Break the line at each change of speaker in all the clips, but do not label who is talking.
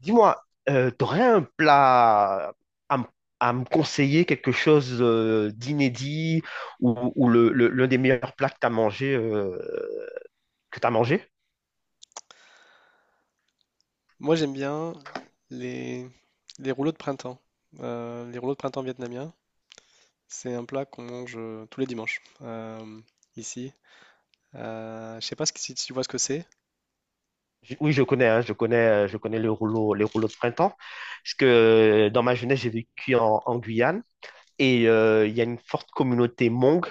Dis-moi, t'aurais un plat à, m- à me conseiller, quelque chose d'inédit l'un des meilleurs plats que t'as mangé, que t'as mangé?
Moi, j'aime bien les, les rouleaux de printemps. Les rouleaux de printemps vietnamiens, c'est un plat qu'on mange tous les dimanches ici. Je sais pas si tu vois ce que c'est.
Oui, je connais, hein, je connais les rouleaux de printemps, parce que dans ma jeunesse, j'ai vécu en Guyane et il y a une forte communauté Hmong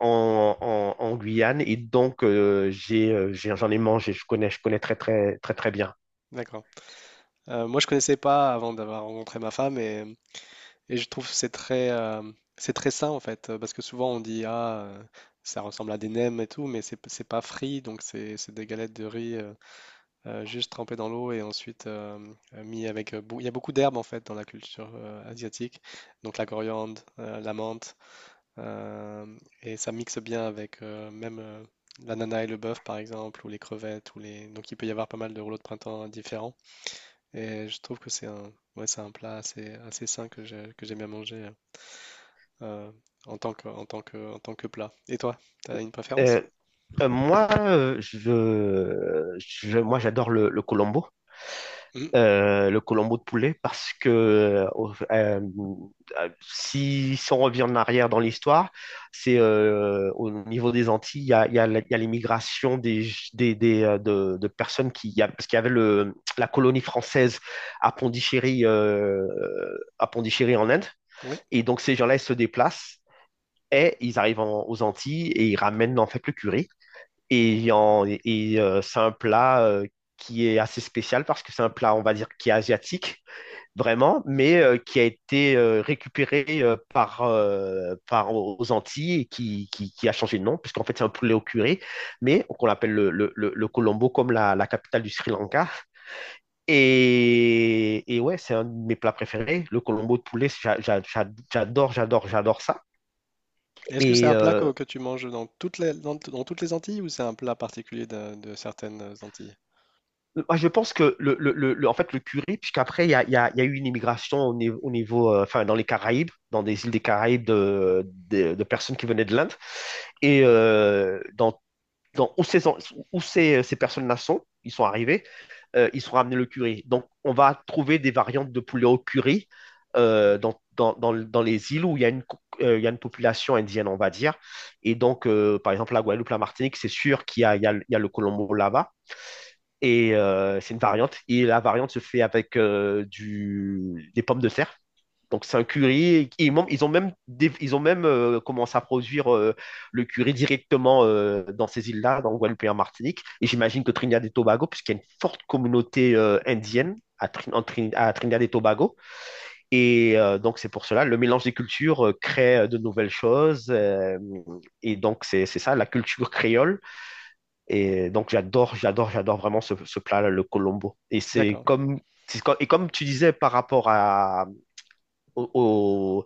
en Guyane, et donc j'en ai mangé, je connais très très très très bien.
D'accord. Moi, je connaissais pas avant d'avoir rencontré ma femme et je trouve que c'est très sain en fait, parce que souvent on dit ça ressemble à des nems et tout, mais c'est pas frit, donc c'est des galettes de riz. Juste trempé dans l'eau et ensuite mis avec. Il y a beaucoup d'herbes en fait dans la culture asiatique, donc la coriandre, la menthe, euh, et ça mixe bien avec même l'ananas et le bœuf par exemple, ou les crevettes, ou les. Donc il peut y avoir pas mal de rouleaux de printemps différents. Et je trouve que ouais, c'est un plat assez, assez sain que j'aime bien manger euh, en tant que, en tant que, en tant que plat. Et toi, t'as une
Euh,
préférence?
Moi, moi, j'adore le colombo,
Mhm.
le colombo de poulet, parce que si on revient en arrière dans l'histoire, c'est au niveau des Antilles, il y a l'immigration de personnes qui, parce qu'il y avait la colonie française à Pondichéry, à Pondichéry en Inde,
Oui.
et donc ces gens-là, ils se déplacent. Et ils arrivent aux Antilles et ils ramènent en fait le curry. C'est un plat qui est assez spécial parce que c'est un plat, on va dire, qui est asiatique, vraiment, mais qui a été récupéré par aux Antilles, et qui a changé de nom, puisqu'en fait, c'est un poulet au curry, mais qu'on l'appelle le Colombo, comme la capitale du Sri Lanka. Et ouais, c'est un de mes plats préférés, le Colombo de poulet, j'adore, j'adore, j'adore ça.
Est-ce que c'est un
Et
plat
euh,
que tu manges dans dans toutes les Antilles ou c'est un plat particulier de certaines Antilles?
Moi, je pense que en fait, le curry, puisqu'après, il y a eu une immigration au niveau, enfin, dans les Caraïbes, dans des îles des Caraïbes de personnes qui venaient de l'Inde. Et dans, dans Où ces personnes-là sont, ils sont arrivés, ils sont ramenés le curry. Donc, on va trouver des variantes de poulet au curry dans les îles où il y a une population indienne, on va dire. Et donc, par exemple, la Guadeloupe, la Martinique, c'est sûr qu'il y a le colombo là, et c'est une variante. Et la variante se fait avec des pommes de terre. Donc c'est un curry. Ils ont même commencé à produire le curry directement dans ces îles-là, dans Guadeloupe et en Martinique. Et j'imagine que Trinidad et Tobago, puisqu'il y a une forte communauté indienne à Trinidad et Tobago. Donc c'est pour cela, le mélange des cultures crée de nouvelles choses. Et donc c'est ça, la culture créole, et donc, j'adore, j'adore, j'adore vraiment ce plat-là, le colombo. Et c'est
D'accord.
comme, c'est co- et Comme tu disais par rapport au, au,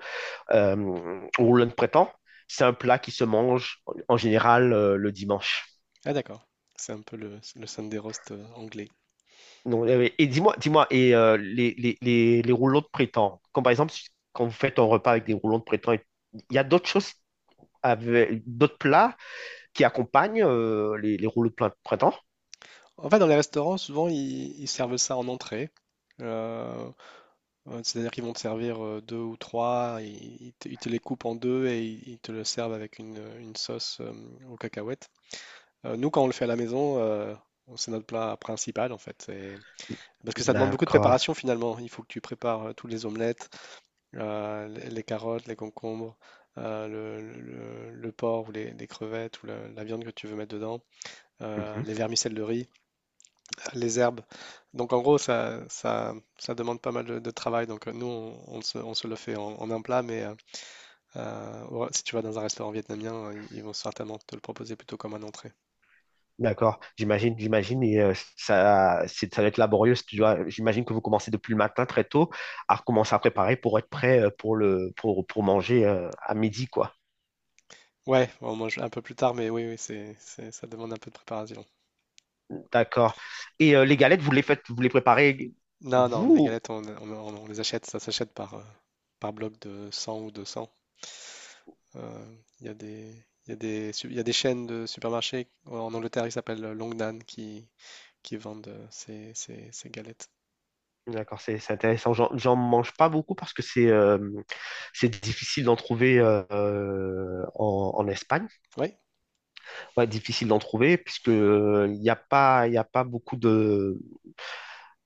au rouleau de printemps, c'est un plat qui se mange en général le dimanche.
Ah d'accord. C'est un peu le Sunday roast anglais.
Donc, et dis-moi, les rouleaux de printemps, comme par exemple, quand vous faites un repas avec des rouleaux de printemps, il y a d'autres choses, d'autres plats qui accompagnent les rouleaux de printemps?
En fait, dans les restaurants, souvent, ils servent ça en entrée. Euh, C'est-à-dire qu'ils vont te servir deux ou trois, ils, ils te les coupent en deux et ils te le servent avec une sauce aux cacahuètes. Nous, quand on le fait à la maison, c'est notre plat principal en fait. Et- Parce que ça demande beaucoup de
D'accord.
préparation finalement. Il faut que tu prépares toutes les omelettes, les carottes, les concombres, le porc ou les crevettes ou la viande que tu veux mettre dedans,
Mhm.
les vermicelles de riz, les herbes. Donc en gros, ça demande pas mal de travail. Donc nous, on se le fait en, en un plat, mais si tu vas dans un restaurant vietnamien, ils vont certainement te le proposer plutôt comme un entrée.
D'accord, j'imagine, j'imagine, et ça, ça va être laborieux. Si Tu dois- J'imagine que vous commencez depuis le matin très tôt à recommencer à préparer pour être prêt pour pour manger à midi, quoi.
Ouais, on mange un peu plus tard, mais oui, oui, ça demande un peu de préparation.
D'accord. Et les galettes, vous les préparez
Non, non, les
vous?
galettes, on les achète, ça s'achète par, par bloc de 100 ou 200. Euh, Il y a des, il y a des, il y a des chaînes de supermarchés en Angleterre qui s'appellent Longnan qui vendent ces, ces galettes.
D'accord, c'est intéressant. J'en mange pas beaucoup parce que c'est difficile d'en trouver en Espagne.
Oui,
Ouais, difficile d'en trouver puisque il n'y a pas, y a pas beaucoup de,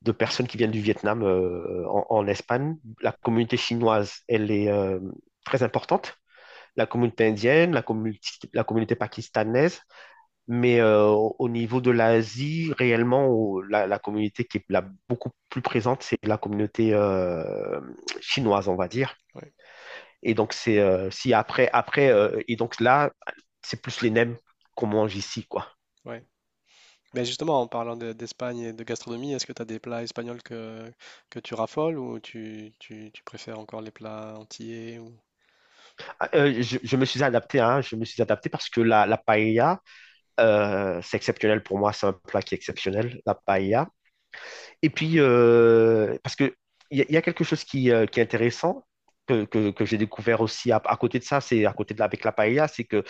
de personnes qui viennent du Vietnam en Espagne. La communauté chinoise, elle est très importante. La communauté indienne, la communauté pakistanaise, mais au niveau de l'Asie, réellement, la communauté qui est beaucoup plus présente, c'est la communauté chinoise, on va dire.
oui,
Et donc, c'est si après, après et donc là, c'est plus les nems qu'on mange ici, quoi.
oui. Mais justement, en parlant d'Espagne et de gastronomie, est-ce que tu as des plats espagnols que tu raffoles ou tu, tu préfères encore les plats antillais ou...
Ah, je me suis adapté, hein, je me suis adapté, parce que la paella, c'est exceptionnel pour moi, c'est un plat qui est exceptionnel, la paella. Et puis, parce que il y, a y a quelque chose qui est intéressant, que j'ai découvert aussi à côté de ça, c'est à côté de la, avec la paella, c'est que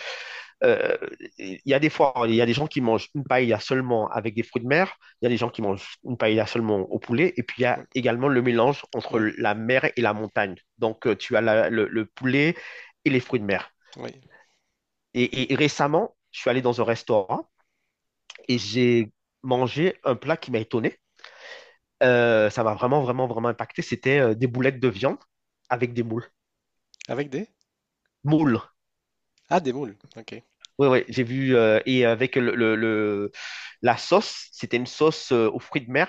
euh, il y a des fois, il y a des gens qui mangent une paella seulement avec des fruits de mer, il y a des gens qui mangent une paella seulement au poulet, et puis il y a
Oui,
également le mélange entre
oui,
la mer et la montagne. Donc, tu as le poulet et les fruits de mer.
oui.
Et récemment, je suis allé dans un restaurant, et j'ai mangé un plat qui m'a étonné. Ça m'a vraiment, vraiment, vraiment impacté. C'était des boulettes de viande avec des moules.
Avec des?
Moules.
Ah, des moules, ok.
Oui, oui, j'ai vu. Et avec la sauce, c'était une sauce aux fruits de mer,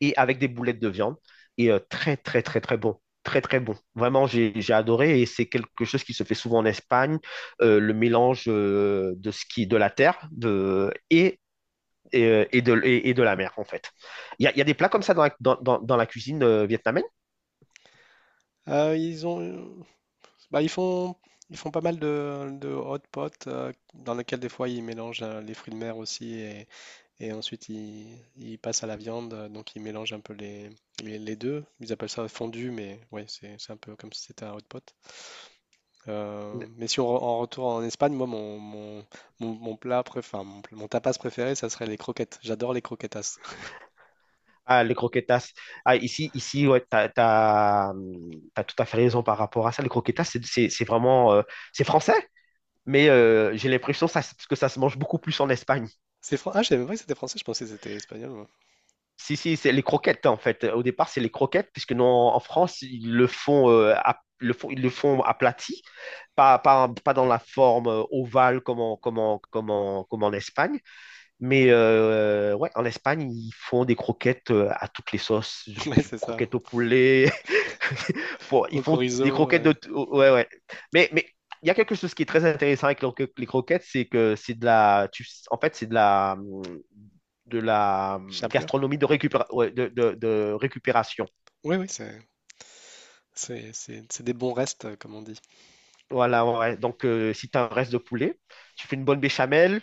et avec des boulettes de viande. Très, très, très, très bon. Très, très bon. Vraiment, j'ai adoré. Et c'est quelque chose qui se fait souvent en Espagne, le mélange de la terre de, et de, et de la mer, en fait. Il y a des plats comme ça dans la cuisine vietnamienne?
Ils ont, bah, ils font pas mal de hot pot dans lesquels des fois ils mélangent les fruits de mer aussi. Et ensuite, ils il passent à la viande, donc ils mélangent un peu les deux. Ils appellent ça fondu, mais ouais, c'est un peu comme si c'était un hot pot. Mais si on re- en retourne en Espagne, moi, mon plat préféré, enfin, mon, mon tapas préféré, ça serait les croquettes. J'adore les croquetas.
Ah, les croquetas. Ah, ici ouais, tout à fait raison par rapport à ça. Les croquetas, c'est vraiment, c'est français, mais j'ai l'impression que ça se mange beaucoup plus en Espagne.
C'est Ah, je savais même pas que c'était français, je pensais que c'était espagnol. Moi.
Si, si, c'est les croquettes, en fait. Au départ, c'est les croquettes, puisque non, en France, ils le font aplati. Pas dans la forme ovale, comme en Espagne, mais ouais, en Espagne, ils font des croquettes à toutes les sauces, du,
Ouais,
du
c'est ça.
croquette au poulet, ils
Au
font des
chorizo,
croquettes de. Ouais, ouais. Mais il y a quelque chose qui est très intéressant avec les croquettes, c'est que c'est de la. En fait, c'est de la de la
chapelure.
gastronomie de, ouais, de récupération.
Oui, oui, c'est- c'est des bons restes, comme on dit.
Voilà, ouais. Ouais. Donc, si tu as un reste de poulet, tu fais une bonne béchamel,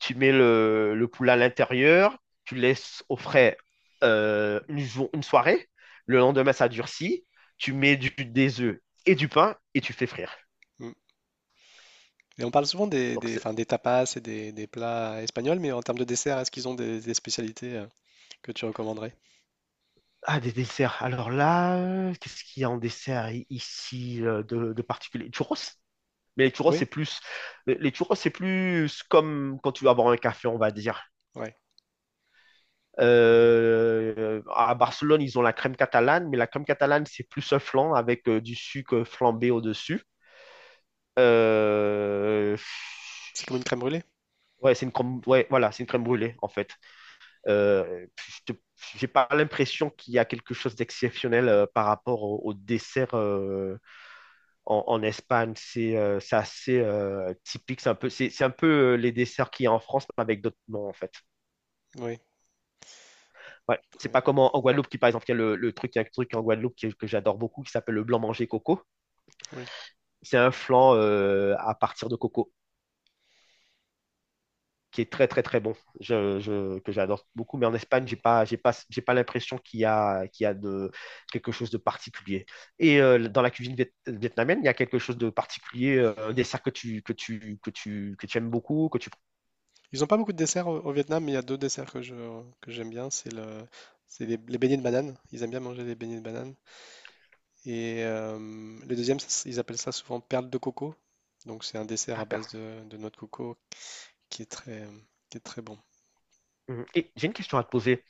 tu mets le poulet à l'intérieur, tu laisses au frais une soirée. Le lendemain, ça durcit. Tu mets des œufs et du pain et tu fais frire.
Mm. Et on parle souvent
Donc,
des,
c'est.
enfin, des tapas et des plats espagnols, mais en termes de dessert, est-ce qu'ils ont des spécialités que tu recommanderais?
Ah, des desserts. Alors là, qu'est-ce qu'il y a en dessert ici de particulier? Churros? Mais les churros, c'est
Oui,
plus. Les churros, c'est plus comme quand tu vas boire un café, on va dire.
ouais.
À Barcelone, ils ont la crème catalane, mais la crème catalane, c'est plus un flan avec du sucre flambé au-dessus. Euh,
C'est comme une crème brûlée?
ouais, c'est une crème, ouais, voilà, c'est une crème
Mm.
brûlée, en fait. Euh, je te- j'ai pas l'impression qu'il y a quelque chose d'exceptionnel par rapport au dessert en Espagne. C'est assez typique. C'est un peu les desserts qu'il y a en France, mais avec d'autres noms, en fait.
Oui,
Ouais.
très
C'est
bien.
pas comme en Guadeloupe, qui par exemple, il y a un truc en Guadeloupe que j'adore beaucoup qui s'appelle le blanc manger coco.
Oui.
C'est un flan à partir de coco qui est très très très bon, que j'adore beaucoup. Mais en Espagne, j'ai
Mm.
pas, j'ai pas, j'ai pas l'impression qu'il y a quelque chose de particulier. Dans la cuisine vietnamienne, il y a quelque chose de particulier, un dessert que tu aimes beaucoup, que tu.
Ils n'ont pas beaucoup de desserts au, au Vietnam, mais il y a deux desserts que j'aime bien. C'est le, c'est les beignets de banane. Ils aiment bien manger les beignets de banane. Et le deuxième, ça, ils appellent ça souvent perles de coco. Donc c'est un dessert à
Ah,
base
perle.
de noix de coco qui est très, qui est très bon.
Mhm. Et j'ai une question à te poser.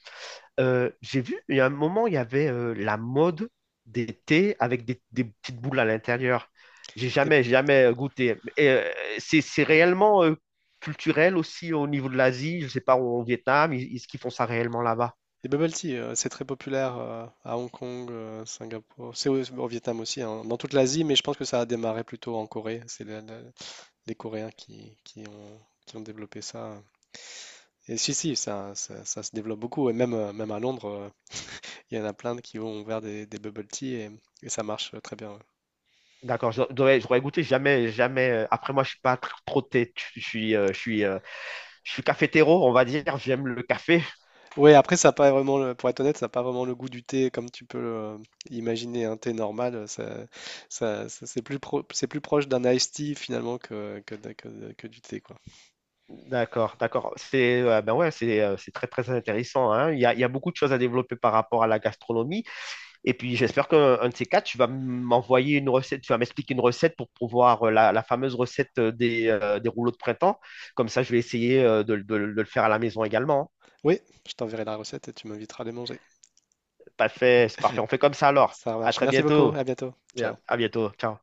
J'ai vu, il y a un moment, il y avait la mode des thés avec des petites boules à l'intérieur. J'ai jamais, jamais goûté. C'est réellement culturel aussi au niveau de l'Asie. Je sais pas, au Vietnam, est-ce qu'ils font ça réellement là-bas?
Des bubble tea, c'est très populaire à Hong Kong, Singapour, c'est au, au Vietnam aussi, hein, dans toute l'Asie, mais je pense que ça a démarré plutôt en Corée. C'est les Coréens qui ont développé ça. Et si, si, ça se développe beaucoup. Et même, même à Londres, il y en a plein qui ont ouvert des bubble tea et ça marche très bien. Ouais.
D'accord, j'aurais goûté jamais, jamais. Après, moi, je suis pas trop thé. Je suis cafétéro, on va dire. J'aime le café.
Oui, après, ça n'a pas vraiment, pour être honnête, ça n'a pas vraiment le goût du thé comme tu peux imaginer un thé normal. Ça, c'est plus c'est plus proche d'un iced tea finalement que, que du thé, quoi.
D'accord, d'accord. C'est Ben ouais, c'est très très intéressant, hein. Il y a beaucoup de choses à développer par rapport à la gastronomie. Et puis j'espère qu'un de ces quatre, tu vas m'envoyer une recette, tu vas m'expliquer une recette pour pouvoir la fameuse recette des rouleaux de printemps. Comme ça, je vais essayer de le faire à la maison également.
Oui, je t'enverrai la recette et tu m'inviteras à les manger.
Parfait, c'est parfait. On fait comme ça alors.
Ça
À
marche.
très
Merci beaucoup.
bientôt.
À bientôt. Ciao.
À bientôt. Ciao.